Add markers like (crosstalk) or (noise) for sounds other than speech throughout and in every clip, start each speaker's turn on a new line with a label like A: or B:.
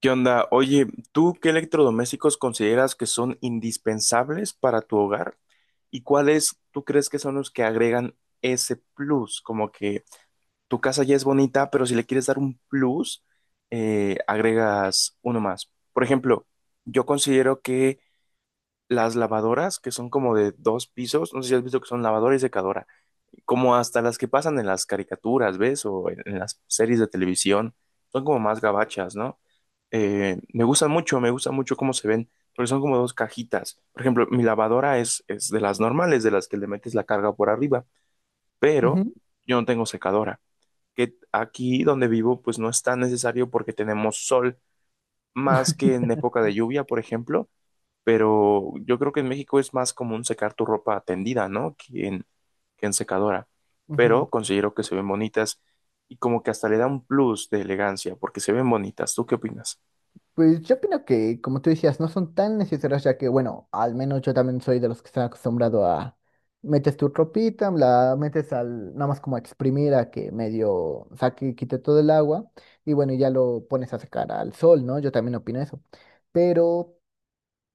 A: ¿Qué onda? Oye, ¿tú qué electrodomésticos consideras que son indispensables para tu hogar? ¿Y cuáles tú crees que son los que agregan ese plus? Como que tu casa ya es bonita, pero si le quieres dar un plus, agregas uno más. Por ejemplo, yo considero que las lavadoras que son como de dos pisos, no sé si has visto que son lavadora y secadora, como hasta las que pasan en las caricaturas, ¿ves? O en las series de televisión, son como más gabachas, ¿no? Me gustan mucho, me gusta mucho cómo se ven, porque son como dos cajitas. Por ejemplo, mi lavadora es de las normales, de las que le metes la carga por arriba, pero
B: Ujú,
A: yo no tengo secadora, que aquí donde vivo pues no es tan necesario porque tenemos sol, más
B: (laughs)
A: que en época de lluvia, por ejemplo pero yo creo que en México es más común secar tu ropa tendida, ¿no? Que en secadora,
B: ujú.
A: pero considero que se ven bonitas y como que hasta le da un plus de elegancia porque se ven bonitas. ¿Tú qué opinas?
B: Pues yo opino que, como tú decías, no son tan necesarias, ya que, bueno, al menos yo también soy de los que están acostumbrado a metes tu ropita, la metes al, nada más como a exprimir a que medio saque y quite todo el agua, y bueno, ya lo pones a secar al sol, ¿no? Yo también opino eso. Pero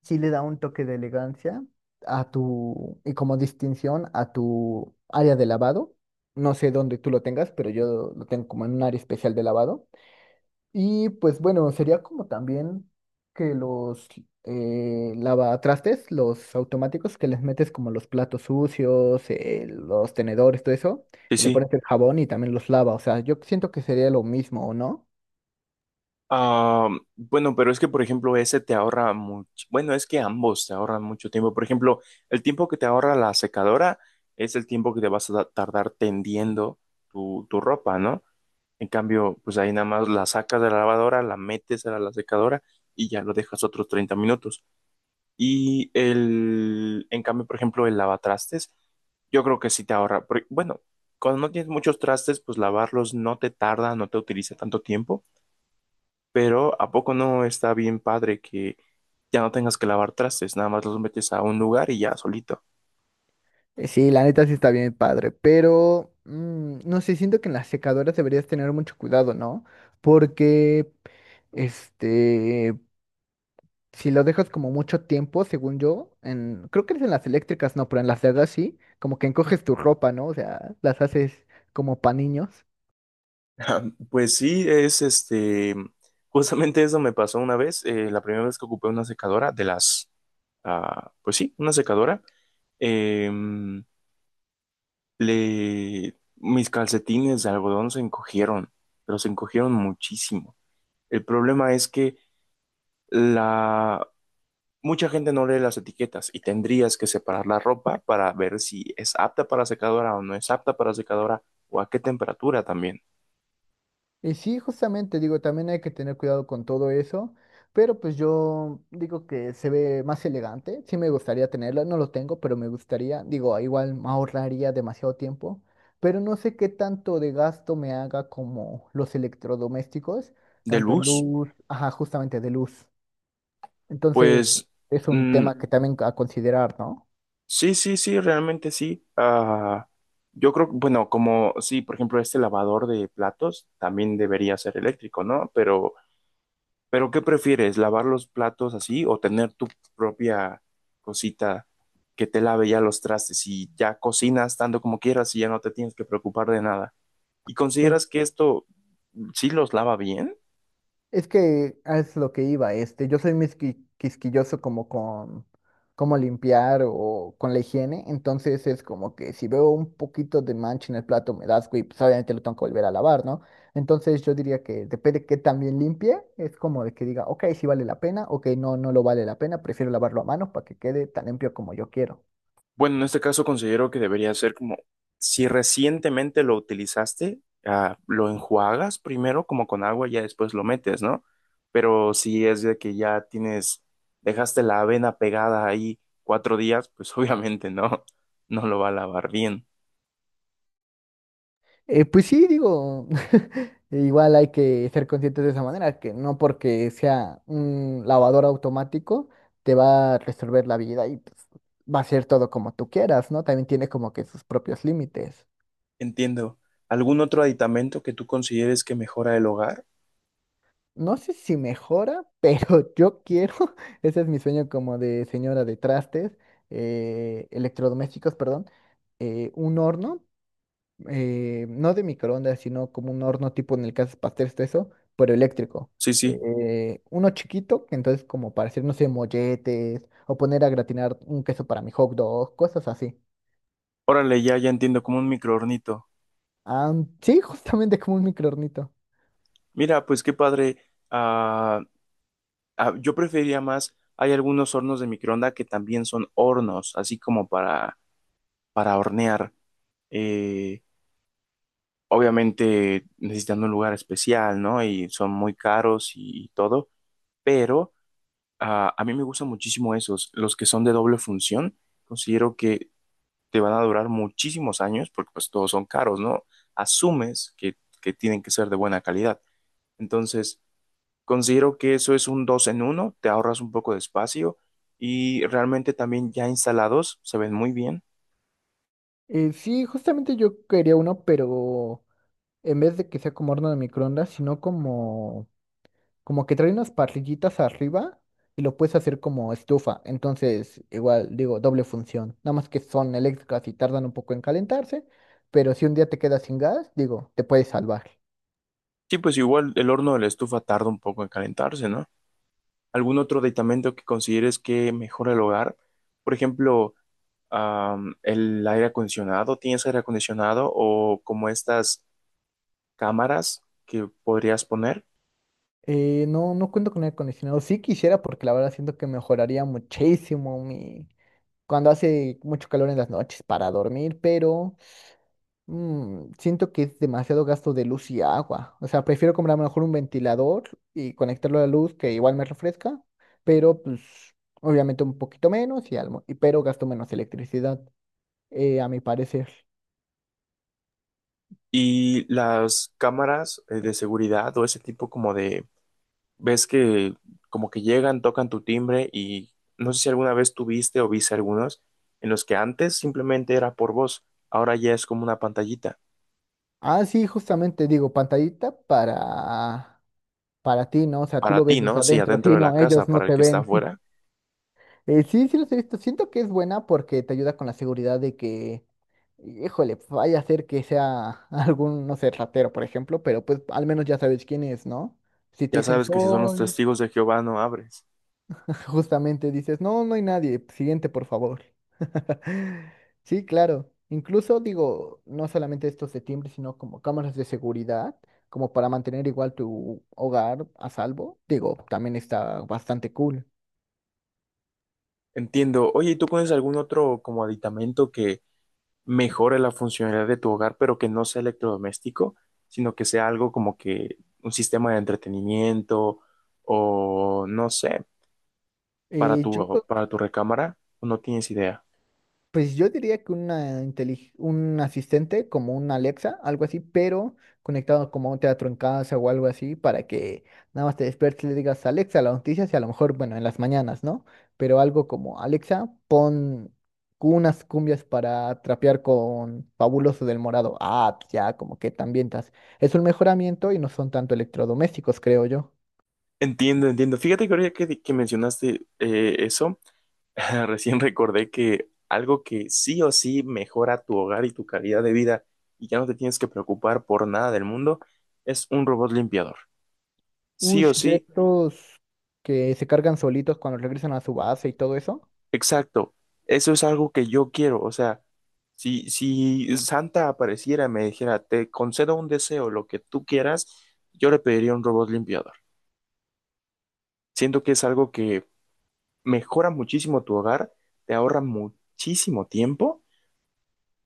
B: sí le da un toque de elegancia a tu, y como distinción a tu área de lavado. No sé dónde tú lo tengas, pero yo lo tengo como en un área especial de lavado. Y pues bueno, sería como también que los lavatrastes, los automáticos que les metes como los platos sucios, los tenedores, todo eso,
A: Sí,
B: y le
A: sí.
B: pones el jabón y también los lava. O sea, yo siento que sería lo mismo, ¿o no?
A: Ah, bueno, pero es que, por ejemplo, ese te ahorra mucho. Bueno, es que ambos te ahorran mucho tiempo. Por ejemplo, el tiempo que te ahorra la secadora es el tiempo que te vas a tardar tendiendo tu ropa, ¿no? En cambio, pues ahí nada más la sacas de la lavadora, la metes a la secadora y ya lo dejas otros 30 minutos. En cambio, por ejemplo, el lavatrastes, yo creo que sí te ahorra. Bueno, cuando no tienes muchos trastes, pues lavarlos no te tarda, no te utiliza tanto tiempo, pero ¿a poco no está bien padre que ya no tengas que lavar trastes? Nada más los metes a un lugar y ya solito.
B: Sí, la neta sí está bien padre, pero no sé, siento que en las secadoras deberías tener mucho cuidado, ¿no? Porque, este, si lo dejas como mucho tiempo, según yo, en, creo que es en las eléctricas, no, pero en las de gas sí, como que encoges tu ropa, ¿no? O sea, las haces como pa' niños.
A: Ah, pues sí, es este, justamente eso me pasó una vez, la primera vez que ocupé una secadora de las, ah, pues sí, una secadora, em, mis calcetines de algodón se encogieron, pero se encogieron muchísimo. El problema es que la, mucha gente no lee las etiquetas y tendrías que separar la ropa para ver si es apta para secadora o no es apta para secadora o a qué temperatura también
B: Y sí, justamente, digo, también hay que tener cuidado con todo eso, pero pues yo digo que se ve más elegante, sí me gustaría tenerlo, no lo tengo, pero me gustaría, digo, igual me ahorraría demasiado tiempo, pero no sé qué tanto de gasto me haga como los electrodomésticos,
A: de
B: tanto en
A: luz,
B: luz, ajá, justamente de luz. Entonces,
A: pues...
B: es un
A: mm,
B: tema que también a considerar, ¿no?
A: sí, sí, sí, realmente sí. Ah, yo creo, bueno, como sí, por ejemplo, este lavador de platos también debería ser eléctrico, ¿no? Pero ¿qué prefieres? ¿Lavar los platos así o tener tu propia cosita que te lave ya los trastes y ya cocinas tanto como quieras y ya no te tienes que preocupar de nada? ¿Y
B: Pues,
A: consideras que esto sí los lava bien?
B: es que es lo que iba, yo soy muy quisquilloso como con cómo limpiar o con la higiene, entonces es como que si veo un poquito de mancha en el plato me da asco y pues obviamente lo tengo que volver a lavar, ¿no? Entonces yo diría que depende de qué también limpie, es como de que diga, ok, sí vale la pena, ok, no, no lo vale la pena, prefiero lavarlo a mano para que quede tan limpio como yo quiero.
A: Bueno, en este caso considero que debería ser como, si recientemente lo utilizaste, ah, lo enjuagas primero como con agua y ya después lo metes, ¿no? Pero si es de que ya tienes, dejaste la avena pegada ahí 4 días, pues (laughs) obviamente no, no lo va a lavar bien.
B: Pues sí, digo, (laughs) igual hay que ser conscientes de esa manera, que no porque sea un lavador automático te va a resolver la vida y pues, va a ser todo como tú quieras, ¿no? También tiene como que sus propios límites.
A: Entiendo. ¿Algún otro aditamento que tú consideres que mejora el hogar?
B: No sé si mejora, pero (laughs) yo quiero, (laughs) ese es mi sueño como de señora de trastes, electrodomésticos, perdón, un horno no de microondas, sino como un horno tipo en el que haces pasteles, todo eso, pero eléctrico.
A: Sí, sí.
B: Uno chiquito, que entonces como para hacer, no sé, molletes o poner a gratinar un queso para mi hot dog, cosas así.
A: Órale, ya, ya entiendo, como un microornito.
B: Ah, sí, (laughs) justamente como un microhornito.
A: Mira, pues qué padre. Ah, ah, yo preferiría más, hay algunos hornos de microonda que también son hornos, así como para hornear. Eh, obviamente necesitan un lugar especial, ¿no? Y son muy caros y todo, pero ah, a mí me gustan muchísimo esos, los que son de doble función, considero que te van a durar muchísimos años porque pues todos son caros, ¿no? Asumes que, que tienen que ser de buena calidad. Entonces... Considero que eso es un dos en uno, te ahorras un poco de espacio y realmente también ya instalados se ven muy bien.
B: Sí, justamente yo quería uno, pero en vez de que sea como horno de microondas, sino como como que trae unas parrillitas arriba y lo puedes hacer como estufa. Entonces, igual, digo, doble función. Nada más que son eléctricas y tardan un poco en calentarse, pero si un día te quedas sin gas, digo, te puedes salvar.
A: Sí, pues igual el horno de la estufa tarda un poco en calentarse, ¿no? ¿Algún otro aditamento que consideres que mejora el hogar? Por ejemplo, el aire acondicionado, ¿tienes aire acondicionado o como estas cámaras que podrías poner?
B: No, no cuento con aire acondicionado. Sí quisiera porque la verdad siento que mejoraría muchísimo mi cuando hace mucho calor en las noches para dormir, pero siento que es demasiado gasto de luz y agua. O sea, prefiero comprar a lo mejor un ventilador y conectarlo a la luz que igual me refresca, pero pues obviamente un poquito menos y algo, y pero gasto menos electricidad, a mi parecer.
A: Y las cámaras de seguridad o ese tipo como de ves que como que llegan, tocan tu timbre y no sé si alguna vez tuviste o viste algunos en los que antes simplemente era por voz, ahora ya es como una pantallita.
B: Ah, sí, justamente digo, pantallita para ti, ¿no? O sea, tú lo
A: Para
B: ves
A: ti,
B: desde
A: ¿no? Sí,
B: adentro,
A: adentro
B: sí,
A: de la
B: no,
A: casa,
B: ellos no
A: para el
B: te
A: que está
B: ven. (laughs)
A: afuera.
B: Sí, sí los he visto. Siento que es buena porque te ayuda con la seguridad de que híjole, pues, vaya a ser que sea (laughs) algún, no sé, ratero, por ejemplo, pero pues al menos ya sabes quién es, ¿no? Si te
A: Ya
B: dicen
A: sabes que si son los
B: soy,
A: testigos de Jehová no abres.
B: (laughs) justamente dices, no, no hay nadie, siguiente, por favor. (laughs) Sí, claro. Incluso digo, no solamente estos de timbre, sino como cámaras de seguridad, como para mantener igual tu hogar a salvo. Digo, también está bastante cool.
A: Entiendo. Oye, ¿y tú pones algún otro como aditamento que mejore la funcionalidad de tu hogar, pero que no sea electrodoméstico, sino que sea algo como que un sistema de entretenimiento o no sé,
B: Yo creo
A: para tu recámara, no tienes idea.
B: pues yo diría que una un asistente como un Alexa, algo así, pero conectado como a un teatro en casa o algo así, para que nada más te despiertes y le digas Alexa las noticias y a lo mejor, bueno, en las mañanas, ¿no? Pero algo como Alexa, pon unas cumbias para trapear con Fabuloso del Morado. Ah, pues ya, como que te ambientas. Es un mejoramiento y no son tanto electrodomésticos, creo yo.
A: Entiendo, entiendo. Fíjate que ahorita que mencionaste eso, (laughs) recién recordé que algo que sí o sí mejora tu hogar y tu calidad de vida y ya no te tienes que preocupar por nada del mundo es un robot limpiador. Sí o
B: Ush, de
A: sí,
B: estos que se cargan solitos cuando regresan a su base y todo eso.
A: exacto. Eso es algo que yo quiero. O sea, si Santa apareciera y me dijera, te concedo un deseo, lo que tú quieras, yo le pediría un robot limpiador. Siento que es algo que mejoran muchísimo tu hogar, te ahorran muchísimo tiempo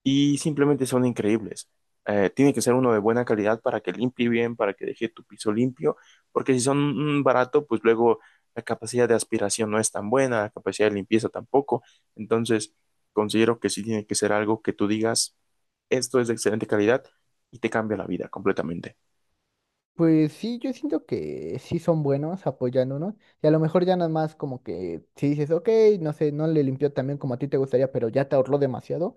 A: y simplemente son increíbles. Tiene que ser uno de buena calidad para que limpie bien, para que deje tu piso limpio, porque si son barato, pues luego la capacidad de aspiración no es tan buena, la capacidad de limpieza tampoco. Entonces, considero que sí tiene que ser algo que tú digas, esto es de excelente calidad y te cambia la vida completamente.
B: Pues sí, yo siento que sí son buenos, apoyan unos. Y a lo mejor ya nada más como que si dices, ok, no sé, no le limpió tan bien como a ti te gustaría, pero ya te ahorró demasiado.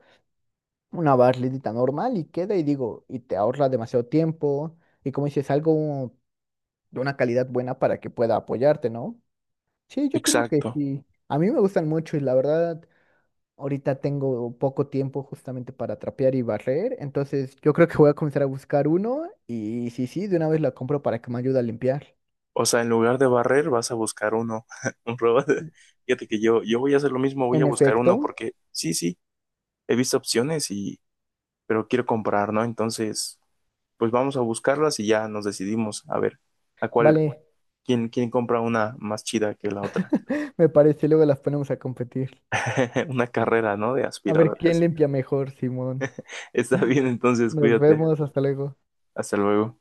B: Una barridita normal y queda y digo, y te ahorra demasiado tiempo. Y como dices, algo de una calidad buena para que pueda apoyarte, ¿no? Sí, yo opino que
A: Exacto.
B: sí. A mí me gustan mucho y la verdad, ahorita tengo poco tiempo justamente para trapear y barrer. Entonces yo creo que voy a comenzar a buscar uno y sí, sí, de una vez la compro para que me ayude a limpiar.
A: O sea, en lugar de barrer, vas a buscar uno, (laughs) un robot. Fíjate que yo voy a hacer lo mismo, voy a
B: En
A: buscar uno,
B: efecto,
A: porque sí, sí, he visto opciones y, pero quiero comprar, ¿no? Entonces, pues vamos a buscarlas y ya nos decidimos a ver a cuál,
B: vale,
A: quién compra una más chida que la otra.
B: me parece, luego las ponemos a competir.
A: (laughs) Una carrera, ¿no? De
B: A ver quién
A: aspiradoras.
B: limpia mejor, Simón.
A: (laughs) Está bien, entonces,
B: Nos
A: cuídate.
B: vemos, hasta luego.
A: Hasta luego.